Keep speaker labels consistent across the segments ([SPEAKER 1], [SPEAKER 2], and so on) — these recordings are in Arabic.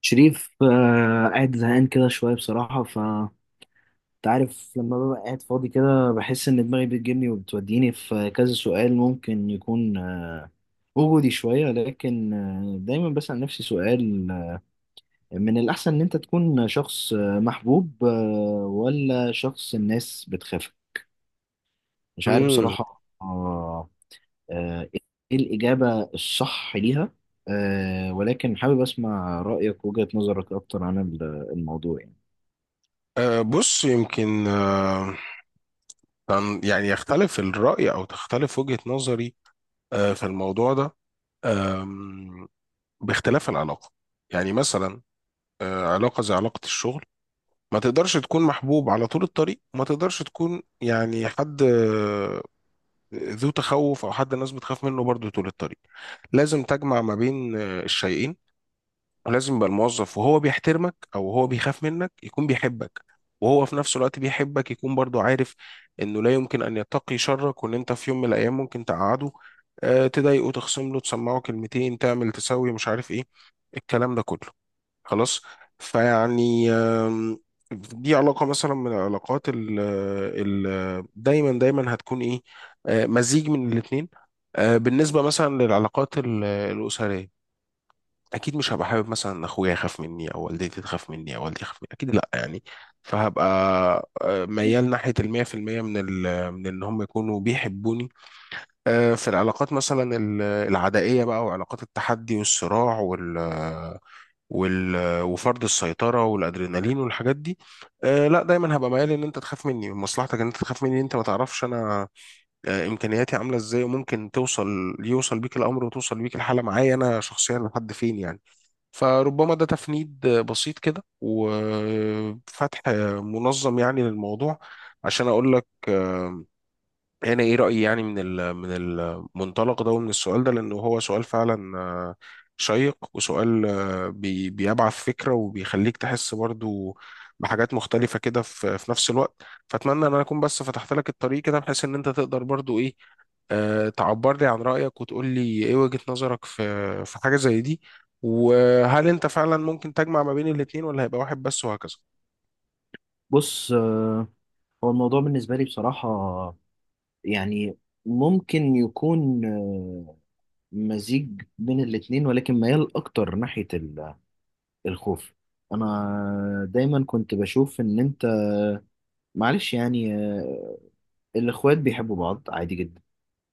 [SPEAKER 1] شريف، قاعد زهقان كده شوية بصراحة. ف انت عارف لما ببقى قاعد فاضي كده بحس إن دماغي بتجيبني وبتوديني في كذا سؤال ممكن يكون وجودي شوية. لكن دايما بسأل نفسي سؤال: من الأحسن إن أنت تكون شخص محبوب ولا شخص الناس بتخاف؟ مش عارف
[SPEAKER 2] امم.
[SPEAKER 1] بصراحة. إيه الإجابة الصح ليها؟ ولكن حابب أسمع رأيك ووجهة نظرك أكتر عن الموضوع يعني.
[SPEAKER 2] بص، يمكن يعني يختلف الرأي أو تختلف وجهة نظري في الموضوع ده، أم، باختلاف العلاقة. يعني مثلا علاقة زي علاقة الشغل، ما تقدرش تكون محبوب على طول الطريق، وما تقدرش تكون يعني حد ذو تخوف أو حد الناس بتخاف منه برضه طول الطريق. لازم تجمع ما بين الشيئين، ولازم يبقى الموظف وهو بيحترمك او هو بيخاف منك يكون بيحبك، وهو في نفس الوقت بيحبك يكون برضو عارف انه لا يمكن ان يتقي شرك، وان انت في يوم من الايام ممكن تقعده، تضايقه، تخصم له، تسمعه كلمتين، تعمل، تسوي، مش عارف ايه الكلام ده كله، خلاص. فيعني دي علاقة مثلا من العلاقات ال دايما دايما هتكون ايه، مزيج من الاتنين. بالنسبة مثلا للعلاقات الأسرية، اكيد مش هبقى حابب مثلا ان اخويا يخاف مني، او والدتي تخاف مني، او والدي يخاف مني، اكيد لا يعني، فهبقى ميال ناحيه 100% من ان هم يكونوا بيحبوني. في العلاقات مثلا العدائيه بقى، وعلاقات التحدي والصراع وال وال وفرض السيطره والادرينالين والحاجات دي. لا دايما هبقى ميال ان انت تخاف مني، مصلحتك ان انت تخاف مني، انت ما تعرفش انا امكانياتي عامله ازاي، وممكن يوصل بيك الامر وتوصل بيك الحاله معايا انا شخصيا لحد فين يعني. فربما ده تفنيد بسيط كده وفتح منظم يعني للموضوع، عشان أقول لك انا ايه رايي يعني من المنطلق ده ومن السؤال ده، لانه هو سؤال فعلا شيق، وسؤال بيبعث فكره، وبيخليك تحس برضو بحاجات مختلفه كده في نفس الوقت. فاتمنى ان انا اكون بس فتحت لك الطريق كده بحيث ان انت تقدر برضو ايه، تعبر لي عن رايك وتقول لي ايه وجهه نظرك في حاجه زي دي. وهل انت فعلا ممكن تجمع ما بين الاتنين، ولا هيبقى واحد بس، وهكذا.
[SPEAKER 1] بص، هو الموضوع بالنسبة لي بصراحة يعني ممكن يكون مزيج بين الاتنين، ولكن ميال أكتر ناحية الخوف. أنا دايما كنت بشوف إن أنت معلش يعني، الإخوات بيحبوا بعض عادي جدا،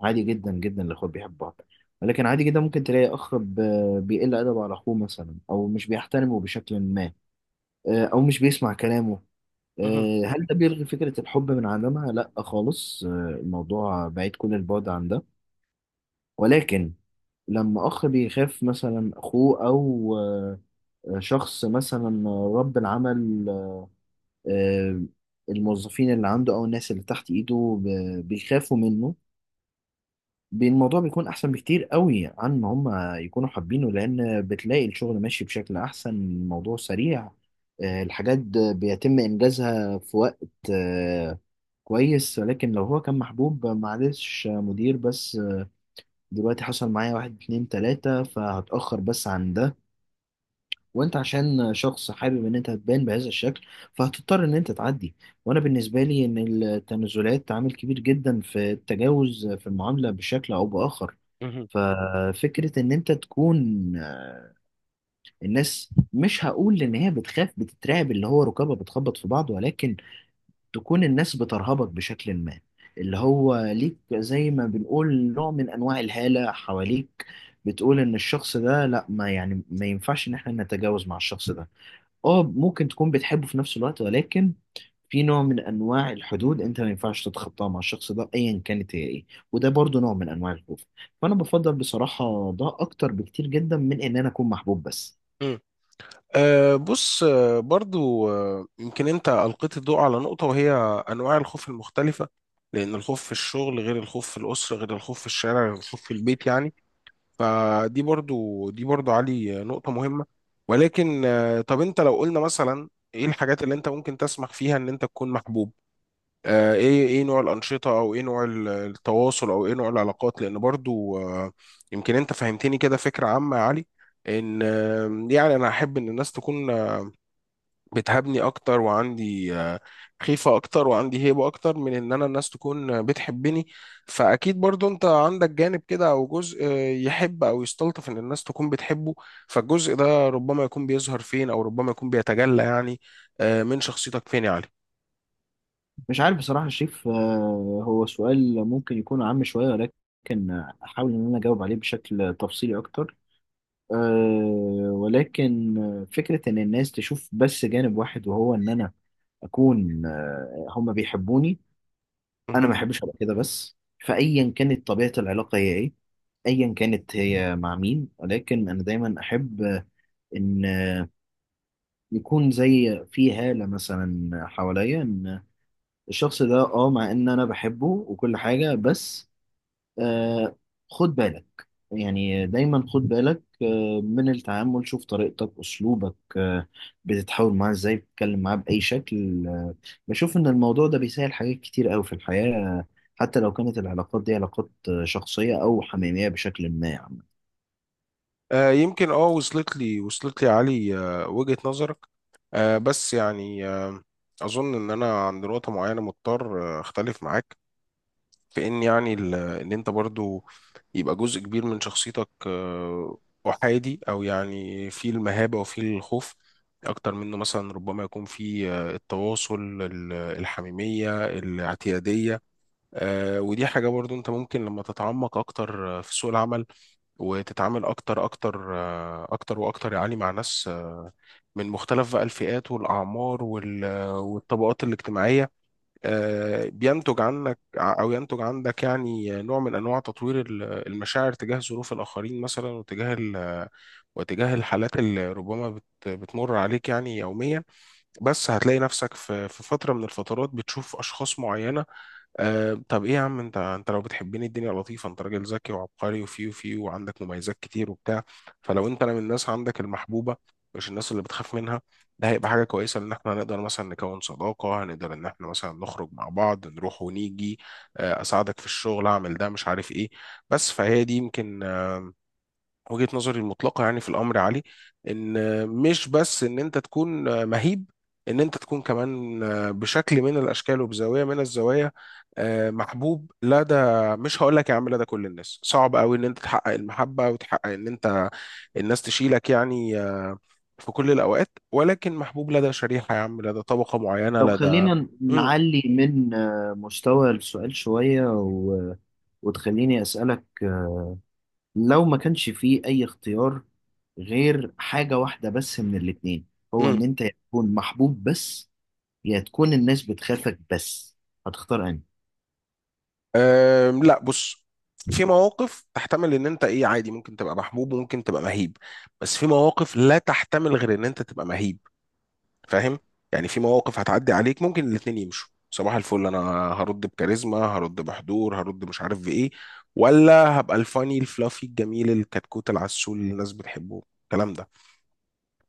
[SPEAKER 1] عادي جدا جدا الإخوات بيحبوا بعض. ولكن عادي جدا ممكن تلاقي أخ بيقل أدبه على أخوه مثلا، أو مش بيحترمه بشكل ما، أو مش بيسمع كلامه. هل ده بيلغي فكرة الحب من عدمها؟ لا خالص، الموضوع بعيد كل البعد عن ده. ولكن لما أخ بيخاف مثلا أخوه، أو شخص مثلا رب العمل، آه، الموظفين اللي عنده أو الناس اللي تحت إيده بيخافوا منه، الموضوع بيكون احسن بكتير قوي عن ما هم يكونوا حابينه، لان بتلاقي الشغل ماشي بشكل احسن، الموضوع سريع، الحاجات بيتم انجازها في وقت آه، كويس. ولكن لو هو كان محبوب، معلش يا مدير بس دلوقتي حصل معايا واحد اتنين تلاتة فهتأخر بس عن ده، وانت عشان شخص حابب ان انت تبان بهذا الشكل فهتضطر ان انت تعدي. وانا بالنسبة لي، ان التنازلات عامل كبير جدا في التجاوز في المعاملة بشكل او بآخر. ففكرة إن أنت تكون آه، الناس، مش هقول إن هي بتخاف بتترعب اللي هو ركابها بتخبط في بعض، ولكن تكون الناس بترهبك بشكل ما، اللي هو ليك زي ما بنقول نوع من أنواع الهالة حواليك، بتقول إن الشخص ده لأ، ما يعني ما ينفعش إن إحنا نتجاوز مع الشخص ده. اه، ممكن تكون بتحبه في نفس الوقت، ولكن في نوع من انواع الحدود انت ما ينفعش تتخطاها مع الشخص ده ايا كانت هي ايه. وده برضو نوع من انواع الخوف. فانا بفضل بصراحه ده اكتر بكتير جدا من ان انا اكون محبوب بس.
[SPEAKER 2] بص، برضو يمكن انت ألقيت الضوء على نقطة، وهي أنواع الخوف المختلفة. لأن الخوف في الشغل غير الخوف في الأسرة غير الخوف في الشارع غير الخوف في البيت يعني. فدي برضو دي برضو علي نقطة مهمة. ولكن طب انت لو قلنا مثلا ايه الحاجات اللي انت ممكن تسمح فيها ان انت تكون محبوب؟ ايه نوع الأنشطة، او ايه نوع التواصل، او ايه نوع العلاقات، لأن برضو يمكن انت فهمتني كده فكرة عامة يا علي، ان يعني انا احب ان الناس تكون بتهابني اكتر، وعندي خيفة اكتر، وعندي هيبة اكتر من ان انا الناس تكون بتحبني. فاكيد برضو انت عندك جانب كده او جزء يحب او يستلطف ان الناس تكون بتحبه. فالجزء ده ربما يكون بيظهر فين، او ربما يكون بيتجلى يعني من شخصيتك فين يا علي؟
[SPEAKER 1] مش عارف بصراحه يا شريف. هو سؤال ممكن يكون عام شويه، ولكن احاول ان انا اجاوب عليه بشكل تفصيلي اكتر. ولكن فكره ان الناس تشوف بس جانب واحد، وهو ان انا اكون هما بيحبوني، انا
[SPEAKER 2] مهم.
[SPEAKER 1] ما احبش ابقى كده بس. فايا كانت طبيعه العلاقه هي ايه، ايا كانت هي مع مين، ولكن انا دايما احب ان يكون زي في هاله مثلا حواليا، ان الشخص ده مع ان انا بحبه وكل حاجه بس. آه خد بالك، يعني دايما خد بالك من التعامل، شوف طريقتك أسلوبك، بتتحاول معاه إزاي، بتتكلم معاه بأي شكل، بشوف إن الموضوع ده بيسهل حاجات كتير أوي في الحياة، حتى لو كانت العلاقات دي علاقات شخصية أو حميمية بشكل ما يعني.
[SPEAKER 2] يمكن وصلت لي يا علي وجهة نظرك. بس يعني اظن ان انا عند نقطة معينة مضطر اختلف معاك في ان يعني ان انت برضو يبقى جزء كبير من شخصيتك احادي، او يعني في المهابة وفي الخوف اكتر منه، مثلا ربما يكون في التواصل الحميمية الاعتيادية. ودي حاجة برضو انت ممكن لما تتعمق اكتر في سوق العمل، وتتعامل اكتر اكتر اكتر واكتر يعني مع ناس من مختلف بقى الفئات والاعمار والطبقات الاجتماعية. بينتج عنك او ينتج عندك يعني نوع من انواع تطوير المشاعر تجاه ظروف الاخرين مثلا، وتجاه الحالات اللي ربما بتمر عليك يعني يوميا. بس هتلاقي نفسك في فتره من الفترات بتشوف اشخاص معينه. طب ايه يا عم، انت لو بتحبني الدنيا لطيفه، انت راجل ذكي وعبقري وفي وعندك مميزات كتير وبتاع. فلو انت انا من الناس عندك المحبوبه، مش الناس اللي بتخاف منها، ده هيبقى حاجه كويسه ان احنا هنقدر مثلا نكون صداقه، هنقدر ان احنا مثلا نخرج مع بعض، نروح ونيجي، اساعدك في الشغل، اعمل ده مش عارف ايه، بس فهي دي يمكن وجهة نظري المطلقة يعني في الأمر يا علي، إن مش بس إن أنت تكون مهيب، إن أنت تكون كمان بشكل من الأشكال وبزاوية من الزوايا محبوب لدى، مش هقول لك يا عم لدى كل الناس، صعب قوي إن أنت تحقق المحبة وتحقق إن أنت الناس تشيلك يعني في كل الأوقات، ولكن محبوب لدى شريحة، يا عم، لدى طبقة معينة،
[SPEAKER 1] طب
[SPEAKER 2] لدى.
[SPEAKER 1] خلينا
[SPEAKER 2] مم،
[SPEAKER 1] نعلي من مستوى السؤال شوية، وتخليني أسألك: لو ما كانش فيه أي اختيار غير حاجة واحدة بس من الاتنين، هو إن
[SPEAKER 2] مم.
[SPEAKER 1] أنت يا تكون محبوب بس، يا تكون الناس بتخافك بس، هتختار أنهي؟
[SPEAKER 2] لا، بص، في مواقف تحتمل ان انت ايه عادي، ممكن تبقى محبوب وممكن تبقى مهيب، بس في مواقف لا تحتمل غير ان انت تبقى مهيب، فاهم؟ يعني في مواقف هتعدي عليك ممكن الاتنين يمشوا صباح الفل، انا هرد بكاريزما، هرد بحضور، هرد مش عارف بايه، ولا هبقى الفاني الفلافي الجميل الكتكوت العسول اللي الناس بتحبه الكلام ده.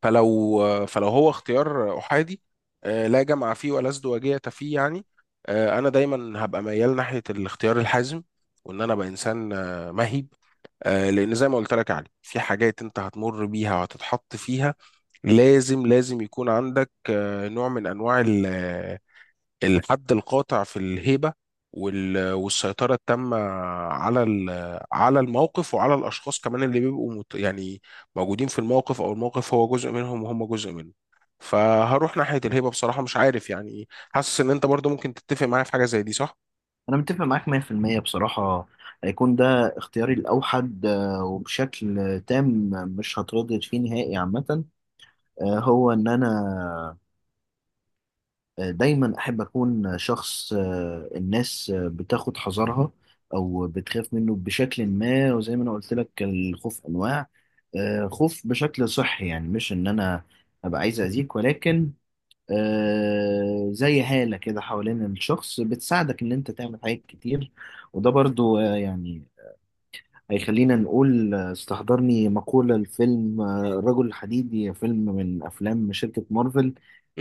[SPEAKER 2] فلو هو اختيار احادي لا جمع فيه ولا ازدواجيه فيه يعني، انا دايما هبقى ميال ناحيه الاختيار الحازم، وان انا ابقى انسان مهيب. لان زي ما قلت لك يا علي، في حاجات انت هتمر بيها وهتتحط فيها، لازم لازم يكون عندك نوع من انواع الحد القاطع في الهيبة والسيطرة التامة على الموقف وعلى الأشخاص كمان اللي بيبقوا يعني موجودين في الموقف، أو الموقف هو جزء منهم وهم جزء منه. فهروح ناحية الهيبة بصراحة، مش عارف يعني، حاسس إن أنت برضو ممكن تتفق معايا في حاجة زي دي، صح؟
[SPEAKER 1] أنا متفق معاك 100% بصراحة. هيكون ده اختياري الأوحد، وبشكل تام، مش هتردد فيه نهائي عامة. هو إن أنا دايما احب اكون شخص الناس بتاخد حذرها او بتخاف منه بشكل ما. وزي ما انا قلت لك الخوف انواع، خوف بشكل صحي، يعني مش ان انا ابقى عايز اذيك، ولكن زي هالة كده حوالين الشخص بتساعدك ان انت تعمل حاجات كتير. وده برضو يعني هيخلينا نقول، استحضرني مقولة الفيلم الرجل الحديدي، فيلم من أفلام شركة مارفل.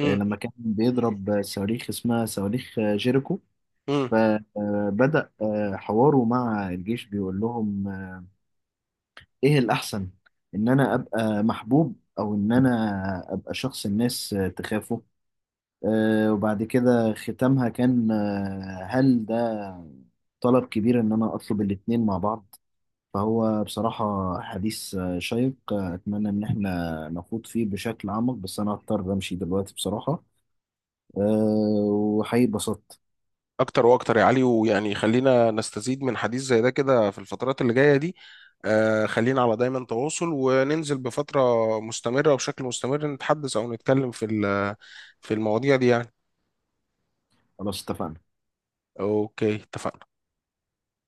[SPEAKER 1] لما كان بيضرب صواريخ اسمها صواريخ جيريكو،
[SPEAKER 2] امم.
[SPEAKER 1] فبدأ حواره مع الجيش بيقول لهم: إيه الأحسن، إن أنا أبقى محبوب أو إن أنا أبقى شخص الناس تخافه؟ وبعد كده ختامها كان: هل ده طلب كبير إن أنا أطلب الاتنين مع بعض؟ فهو بصراحة حديث شيق. أتمنى إن إحنا نخوض فيه بشكل أعمق، بس أنا هضطر أمشي دلوقتي بصراحة. أه، وحقيقي اتبسطت.
[SPEAKER 2] اكتر واكتر يا علي، ويعني خلينا نستزيد من حديث زي ده كده في الفترات اللي جاية دي. خلينا على دايما تواصل، وننزل بفترة مستمرة وبشكل مستمر، نتحدث او نتكلم في المواضيع دي يعني.
[SPEAKER 1] خلاص، اتفقنا.
[SPEAKER 2] اوكي، اتفقنا.